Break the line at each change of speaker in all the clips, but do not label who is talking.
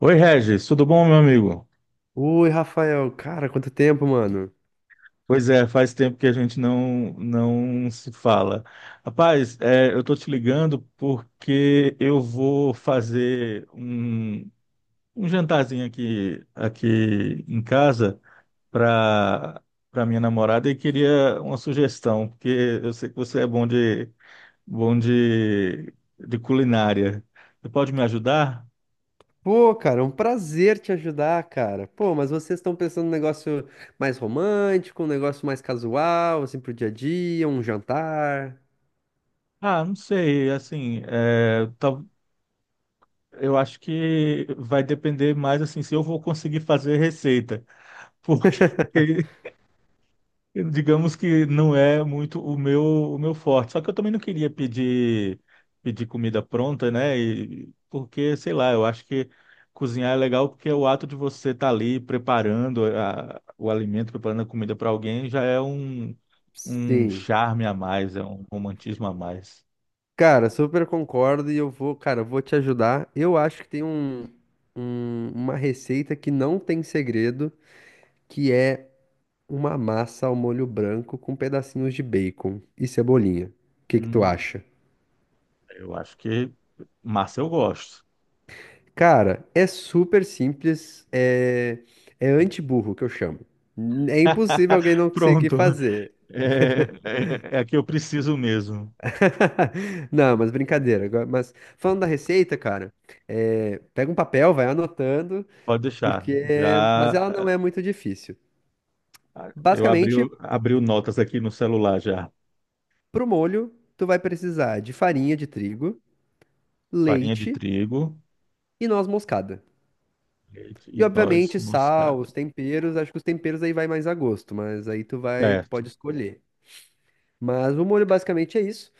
Oi, Regis, tudo bom, meu amigo?
Oi, Rafael, cara, quanto tempo, mano?
Pois é, faz tempo que a gente não se fala. Rapaz, é, eu tô te ligando porque eu vou fazer um jantarzinho aqui em casa para para minha namorada e queria uma sugestão, porque eu sei que você é bom de culinária. Você pode me ajudar?
Pô, cara, é um prazer te ajudar, cara. Pô, mas vocês estão pensando num negócio mais romântico, um negócio mais casual, assim, pro dia a dia, um jantar?
Ah, não sei, assim, é, eu acho que vai depender mais assim se eu vou conseguir fazer receita, porque digamos que não é muito o meu forte. Só que eu também não queria pedir comida pronta, né? Porque sei lá, eu acho que cozinhar é legal porque é o ato de você estar ali o alimento, preparando a comida para alguém já é um
Sim.
charme a mais, é um romantismo a mais.
Cara, super concordo e eu vou, cara, eu vou te ajudar. Eu acho que tem um, uma receita que não tem segredo, que é uma massa ao molho branco com pedacinhos de bacon e cebolinha. O que que tu
Hum,
acha?
eu acho que massa eu gosto.
Cara, é super simples, é, é anti-burro que eu chamo. É impossível alguém não conseguir
Pronto.
fazer.
É, é a que eu preciso mesmo.
Não, mas brincadeira. Mas falando da receita, cara, é, pega um papel, vai anotando,
Pode deixar.
porque. Mas
Já
ela não é muito difícil.
eu
Basicamente,
abri o notas aqui no celular já.
pro molho, tu vai precisar de farinha de trigo,
Farinha de
leite
trigo,
e noz moscada.
leite e
E
noz
obviamente sal,
moscada.
os temperos, acho que os temperos aí vai mais a gosto, mas aí tu vai, tu
Certo.
pode escolher. Mas o molho basicamente é isso.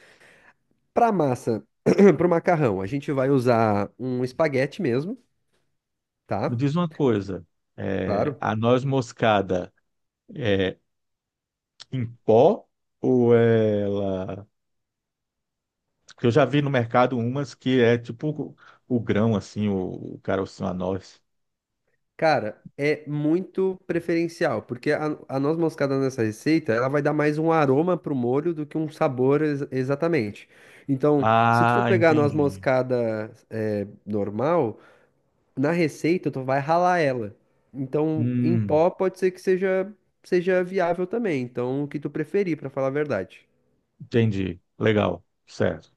Para massa, para o macarrão, a gente vai usar um espaguete mesmo,
Me
tá?
diz uma coisa. É,
Claro.
a noz moscada é em pó ou ela? Porque eu já vi no mercado umas que é tipo o grão assim, o carocinho a noz.
Cara, é muito preferencial, porque a noz moscada nessa receita, ela vai dar mais um aroma pro molho do que um sabor exatamente. Então, se tu for
Ah,
pegar a noz
entendi.
moscada é, normal, na receita tu vai ralar ela. Então, em
Hum,
pó pode ser que seja, seja viável também. Então, o que tu preferir, para falar a verdade.
entendi. Legal.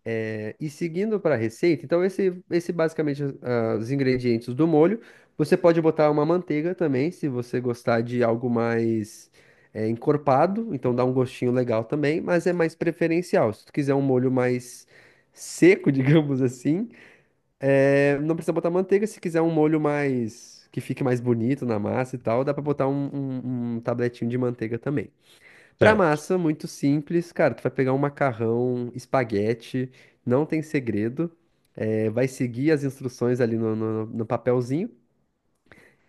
E seguindo para a receita, então esse basicamente os ingredientes do molho. Você pode botar uma manteiga também, se você gostar de algo mais encorpado, então dá um gostinho legal também, mas é mais preferencial. Se tu quiser um molho mais seco, digamos assim, não precisa botar manteiga. Se quiser um molho mais que fique mais bonito na massa e tal, dá para botar um, um, um tabletinho de manteiga também. Para
Certo.
massa, muito simples, cara, tu vai pegar um macarrão, espaguete, não tem segredo. É, vai seguir as instruções ali no, no papelzinho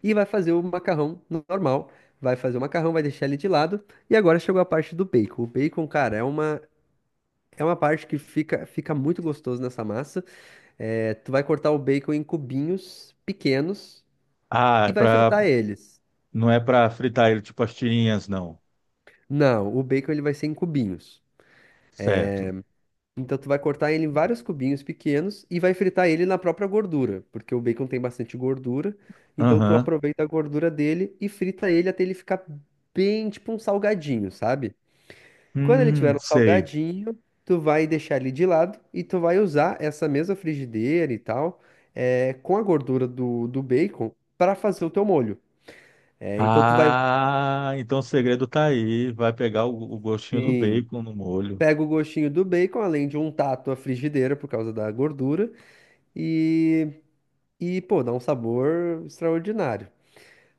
e vai fazer o macarrão normal. Vai fazer o macarrão, vai deixar ele de lado. E agora chegou a parte do bacon. O bacon, cara, é uma parte que fica, fica muito gostoso nessa massa. É, tu vai cortar o bacon em cubinhos pequenos
Ah, é
e vai
pra,
fritar eles.
não é para fritar ele tipo as tirinhas, não.
Não, o bacon ele vai ser em cubinhos.
Certo.
Então tu vai cortar ele em vários cubinhos pequenos e vai fritar ele na própria gordura, porque o bacon tem bastante gordura. Então tu
Aham.
aproveita a gordura dele e frita ele até ele ficar bem tipo um salgadinho, sabe? Quando ele tiver um
Sei.
salgadinho, tu vai deixar ele de lado e tu vai usar essa mesma frigideira e tal, com a gordura do, do bacon para fazer o teu molho. Então tu vai
Ah, então o segredo tá aí. Vai pegar o gostinho do
assim,
bacon no molho.
pega o gostinho do bacon, além de untar a tua frigideira por causa da gordura. E e, pô, dá um sabor extraordinário.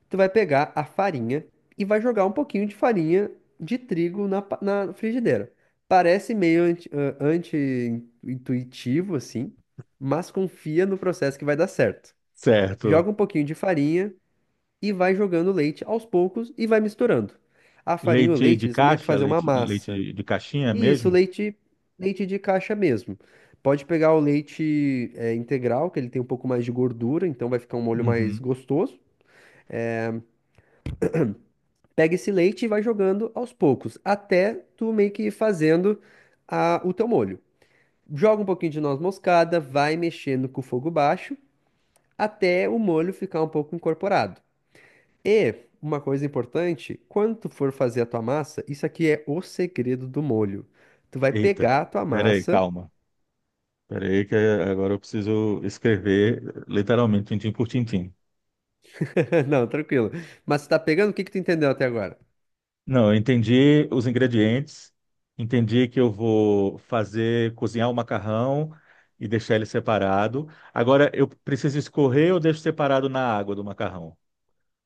Tu vai pegar a farinha e vai jogar um pouquinho de farinha de trigo na, na frigideira. Parece meio anti-intuitivo, assim, mas confia no processo que vai dar certo.
Certo.
Joga um pouquinho de farinha e vai jogando leite aos poucos e vai misturando. A farinha e o
Leite de
leite, eles vão meio que
caixa?
fazer uma
Leite,
massa.
de caixinha
Isso,
mesmo?
leite, leite de caixa mesmo. Pode pegar o leite é, integral, que ele tem um pouco mais de gordura, então vai ficar um molho mais
Uhum.
gostoso. Pega esse leite e vai jogando aos poucos, até tu meio que ir fazendo o teu molho. Joga um pouquinho de noz moscada, vai mexendo com o fogo baixo, até o molho ficar um pouco incorporado. E uma coisa importante, quando tu for fazer a tua massa, isso aqui é o segredo do molho. Tu vai
Eita.
pegar a tua
Peraí,
massa.
calma. Peraí, que agora eu preciso escrever literalmente, tintim por tintim.
Não, tranquilo. Mas tu tá pegando? O que que tu entendeu até agora?
Não, eu entendi os ingredientes, entendi que eu vou fazer, cozinhar o macarrão e deixar ele separado. Agora, eu preciso escorrer ou deixo separado na água do macarrão?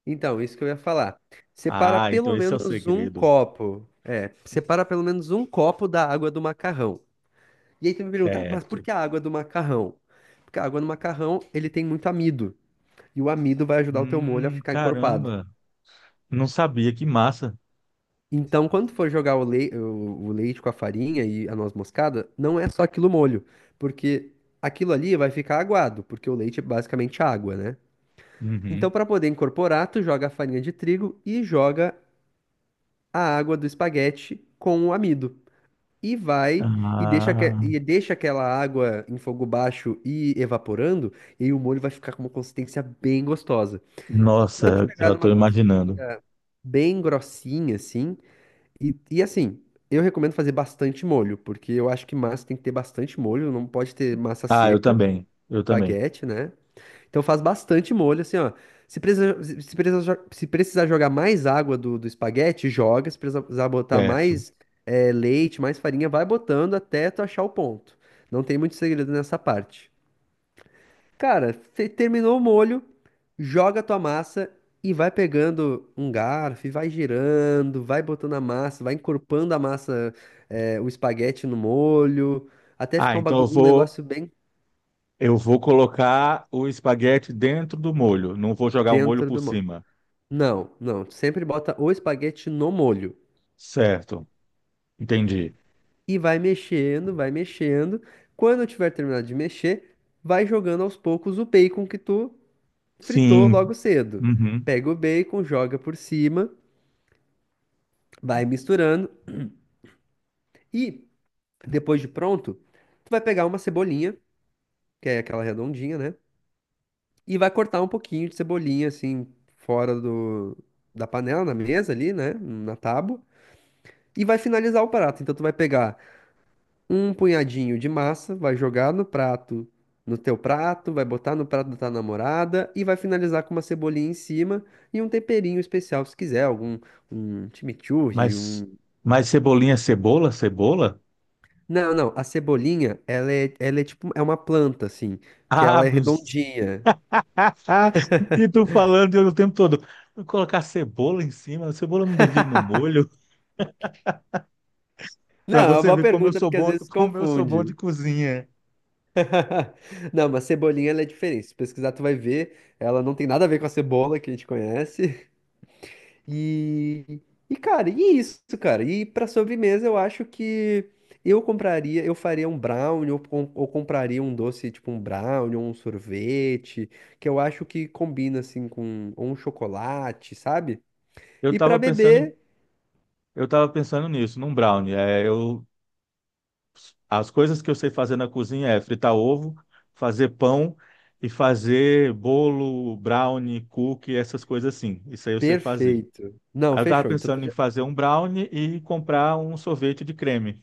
Então, isso que eu ia falar. Separa
Ah, então
pelo
esse é o
menos um
segredo.
copo. É, separa pelo menos um copo da água do macarrão. E aí tu me pergunta, "Ah, mas por
Certo.
que a água do macarrão?" Porque a água do macarrão, ele tem muito amido. E o amido vai ajudar o teu molho a ficar encorpado.
Caramba, não sabia, que massa.
Então, quando tu for jogar o, o leite com a farinha e a noz moscada, não é só aquilo molho. Porque aquilo ali vai ficar aguado, porque o leite é basicamente água, né?
Uhum.
Então, para poder incorporar, tu joga a farinha de trigo e joga a água do espaguete com o amido. E vai e deixa,
Ah,
e deixa aquela água em fogo baixo e evaporando, e aí o molho vai ficar com uma consistência bem gostosa. Quando
nossa,
chegar
já
numa
estou imaginando.
consistência bem grossinha, assim, e assim, eu recomendo fazer bastante molho, porque eu acho que massa tem que ter bastante molho, não pode ter massa
Ah,
seca,
eu também.
espaguete, né? Então faz bastante molho, assim, ó. Se precisa, se precisar jogar mais água do, do espaguete, joga. Se precisar botar
Certo.
mais leite, mais farinha, vai botando até tu achar o ponto. Não tem muito segredo nessa parte. Cara, terminou o molho, joga a tua massa e vai pegando um garfo e vai girando, vai botando a massa, vai encorpando a massa, o espaguete no molho, até
Ah,
ficar um,
então eu
um
vou.
negócio bem
Eu vou colocar o espaguete dentro do molho. Não vou jogar o molho
dentro
por
do molho.
cima.
Não, não. Tu sempre bota o espaguete no molho.
Certo. Entendi.
E vai mexendo, vai mexendo. Quando tiver terminado de mexer, vai jogando aos poucos o bacon que tu fritou
Sim.
logo cedo.
Uhum.
Pega o bacon, joga por cima, vai misturando. E depois de pronto, tu vai pegar uma cebolinha, que é aquela redondinha, né? E vai cortar um pouquinho de cebolinha, assim, fora do, da panela, na mesa ali, né? Na tábua. E vai finalizar o prato. Então tu vai pegar um punhadinho de massa, vai jogar no prato, no teu prato, vai botar no prato da tua namorada e vai finalizar com uma cebolinha em cima e um temperinho especial, se quiser, algum um chimichurri,
Mas,
um.
mas cebolinha é cebola? Cebola?
Não, não, a cebolinha, ela é tipo, é uma planta assim, que
Ah,
ela é
meu.
redondinha.
E tu falando eu o tempo todo. Vou colocar cebola em cima. A cebola não devia ir no molho.
Não,
Para
é uma
você
boa
ver como eu
pergunta
sou
porque às
bom,
vezes
como eu sou bom de
confunde.
cozinha.
Não, mas cebolinha ela é diferente. Se pesquisar, tu vai ver, ela não tem nada a ver com a cebola que a gente conhece. E, e cara, e isso, cara. E pra sobremesa eu acho que eu compraria, eu faria um brownie ou, ou compraria um doce tipo um brownie ou um sorvete, que eu acho que combina assim com ou um chocolate, sabe?
Eu
E pra
tava pensando,
beber,
eu tava pensando nisso, num brownie. É, eu as coisas que eu sei fazer na cozinha é fritar ovo, fazer pão e fazer bolo, brownie, cookie, essas coisas assim. Isso aí eu sei fazer.
perfeito. Não,
Aí eu tava
fechou. Então
pensando em fazer um brownie e comprar um sorvete de creme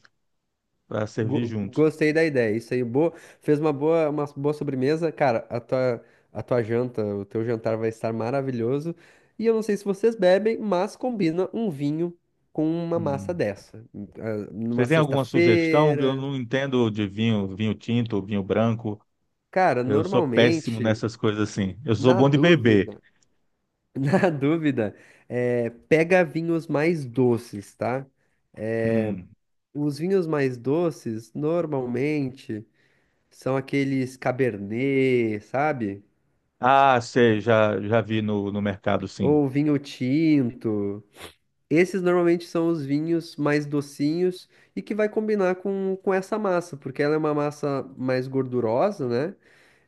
para servir junto.
Gostei da ideia. Isso aí, boa. Fez uma boa sobremesa. Cara, a tua janta, o teu jantar vai estar maravilhoso. E eu não sei se vocês bebem, mas combina um vinho com uma massa
Hum.
dessa. Ah,
Você
numa
tem alguma sugestão? Eu
sexta-feira.
não entendo de vinho, vinho tinto, vinho branco.
Cara,
Eu sou péssimo
normalmente,
nessas coisas assim. Eu sou
na
bom de beber.
dúvida, na dúvida, é, pega vinhos mais doces, tá?
Hum.
Os vinhos mais doces, normalmente, são aqueles Cabernet, sabe?
Ah, sei, já vi no mercado, sim.
Ou vinho tinto. Esses normalmente são os vinhos mais docinhos e que vai combinar com essa massa, porque ela é uma massa mais gordurosa, né?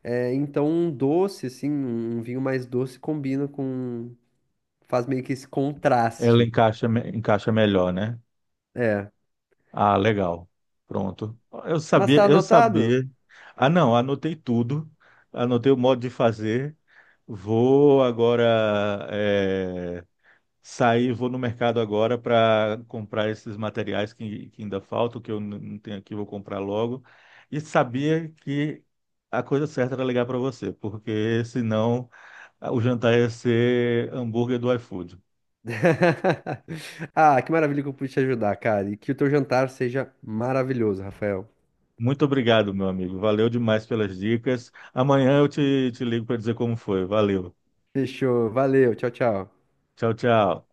É, então um doce, assim, um vinho mais doce combina com. Faz meio que esse
Ela
contraste.
encaixa, me- encaixa melhor, né?
É.
Ah, legal. Pronto.
Mas tá
Eu
anotado?
sabia. Ah, não, anotei tudo. Anotei o modo de fazer. Vou agora sair, vou no mercado agora para comprar esses materiais que ainda faltam, que eu não tenho aqui, vou comprar logo. E sabia que a coisa certa era ligar para você, porque senão o jantar ia ser hambúrguer do iFood.
Ah, que maravilha que eu pude te ajudar, cara. E que o teu jantar seja maravilhoso, Rafael.
Muito obrigado, meu amigo. Valeu demais pelas dicas. Amanhã eu te ligo para dizer como foi. Valeu.
Fechou. Valeu. Tchau, tchau.
Tchau, tchau.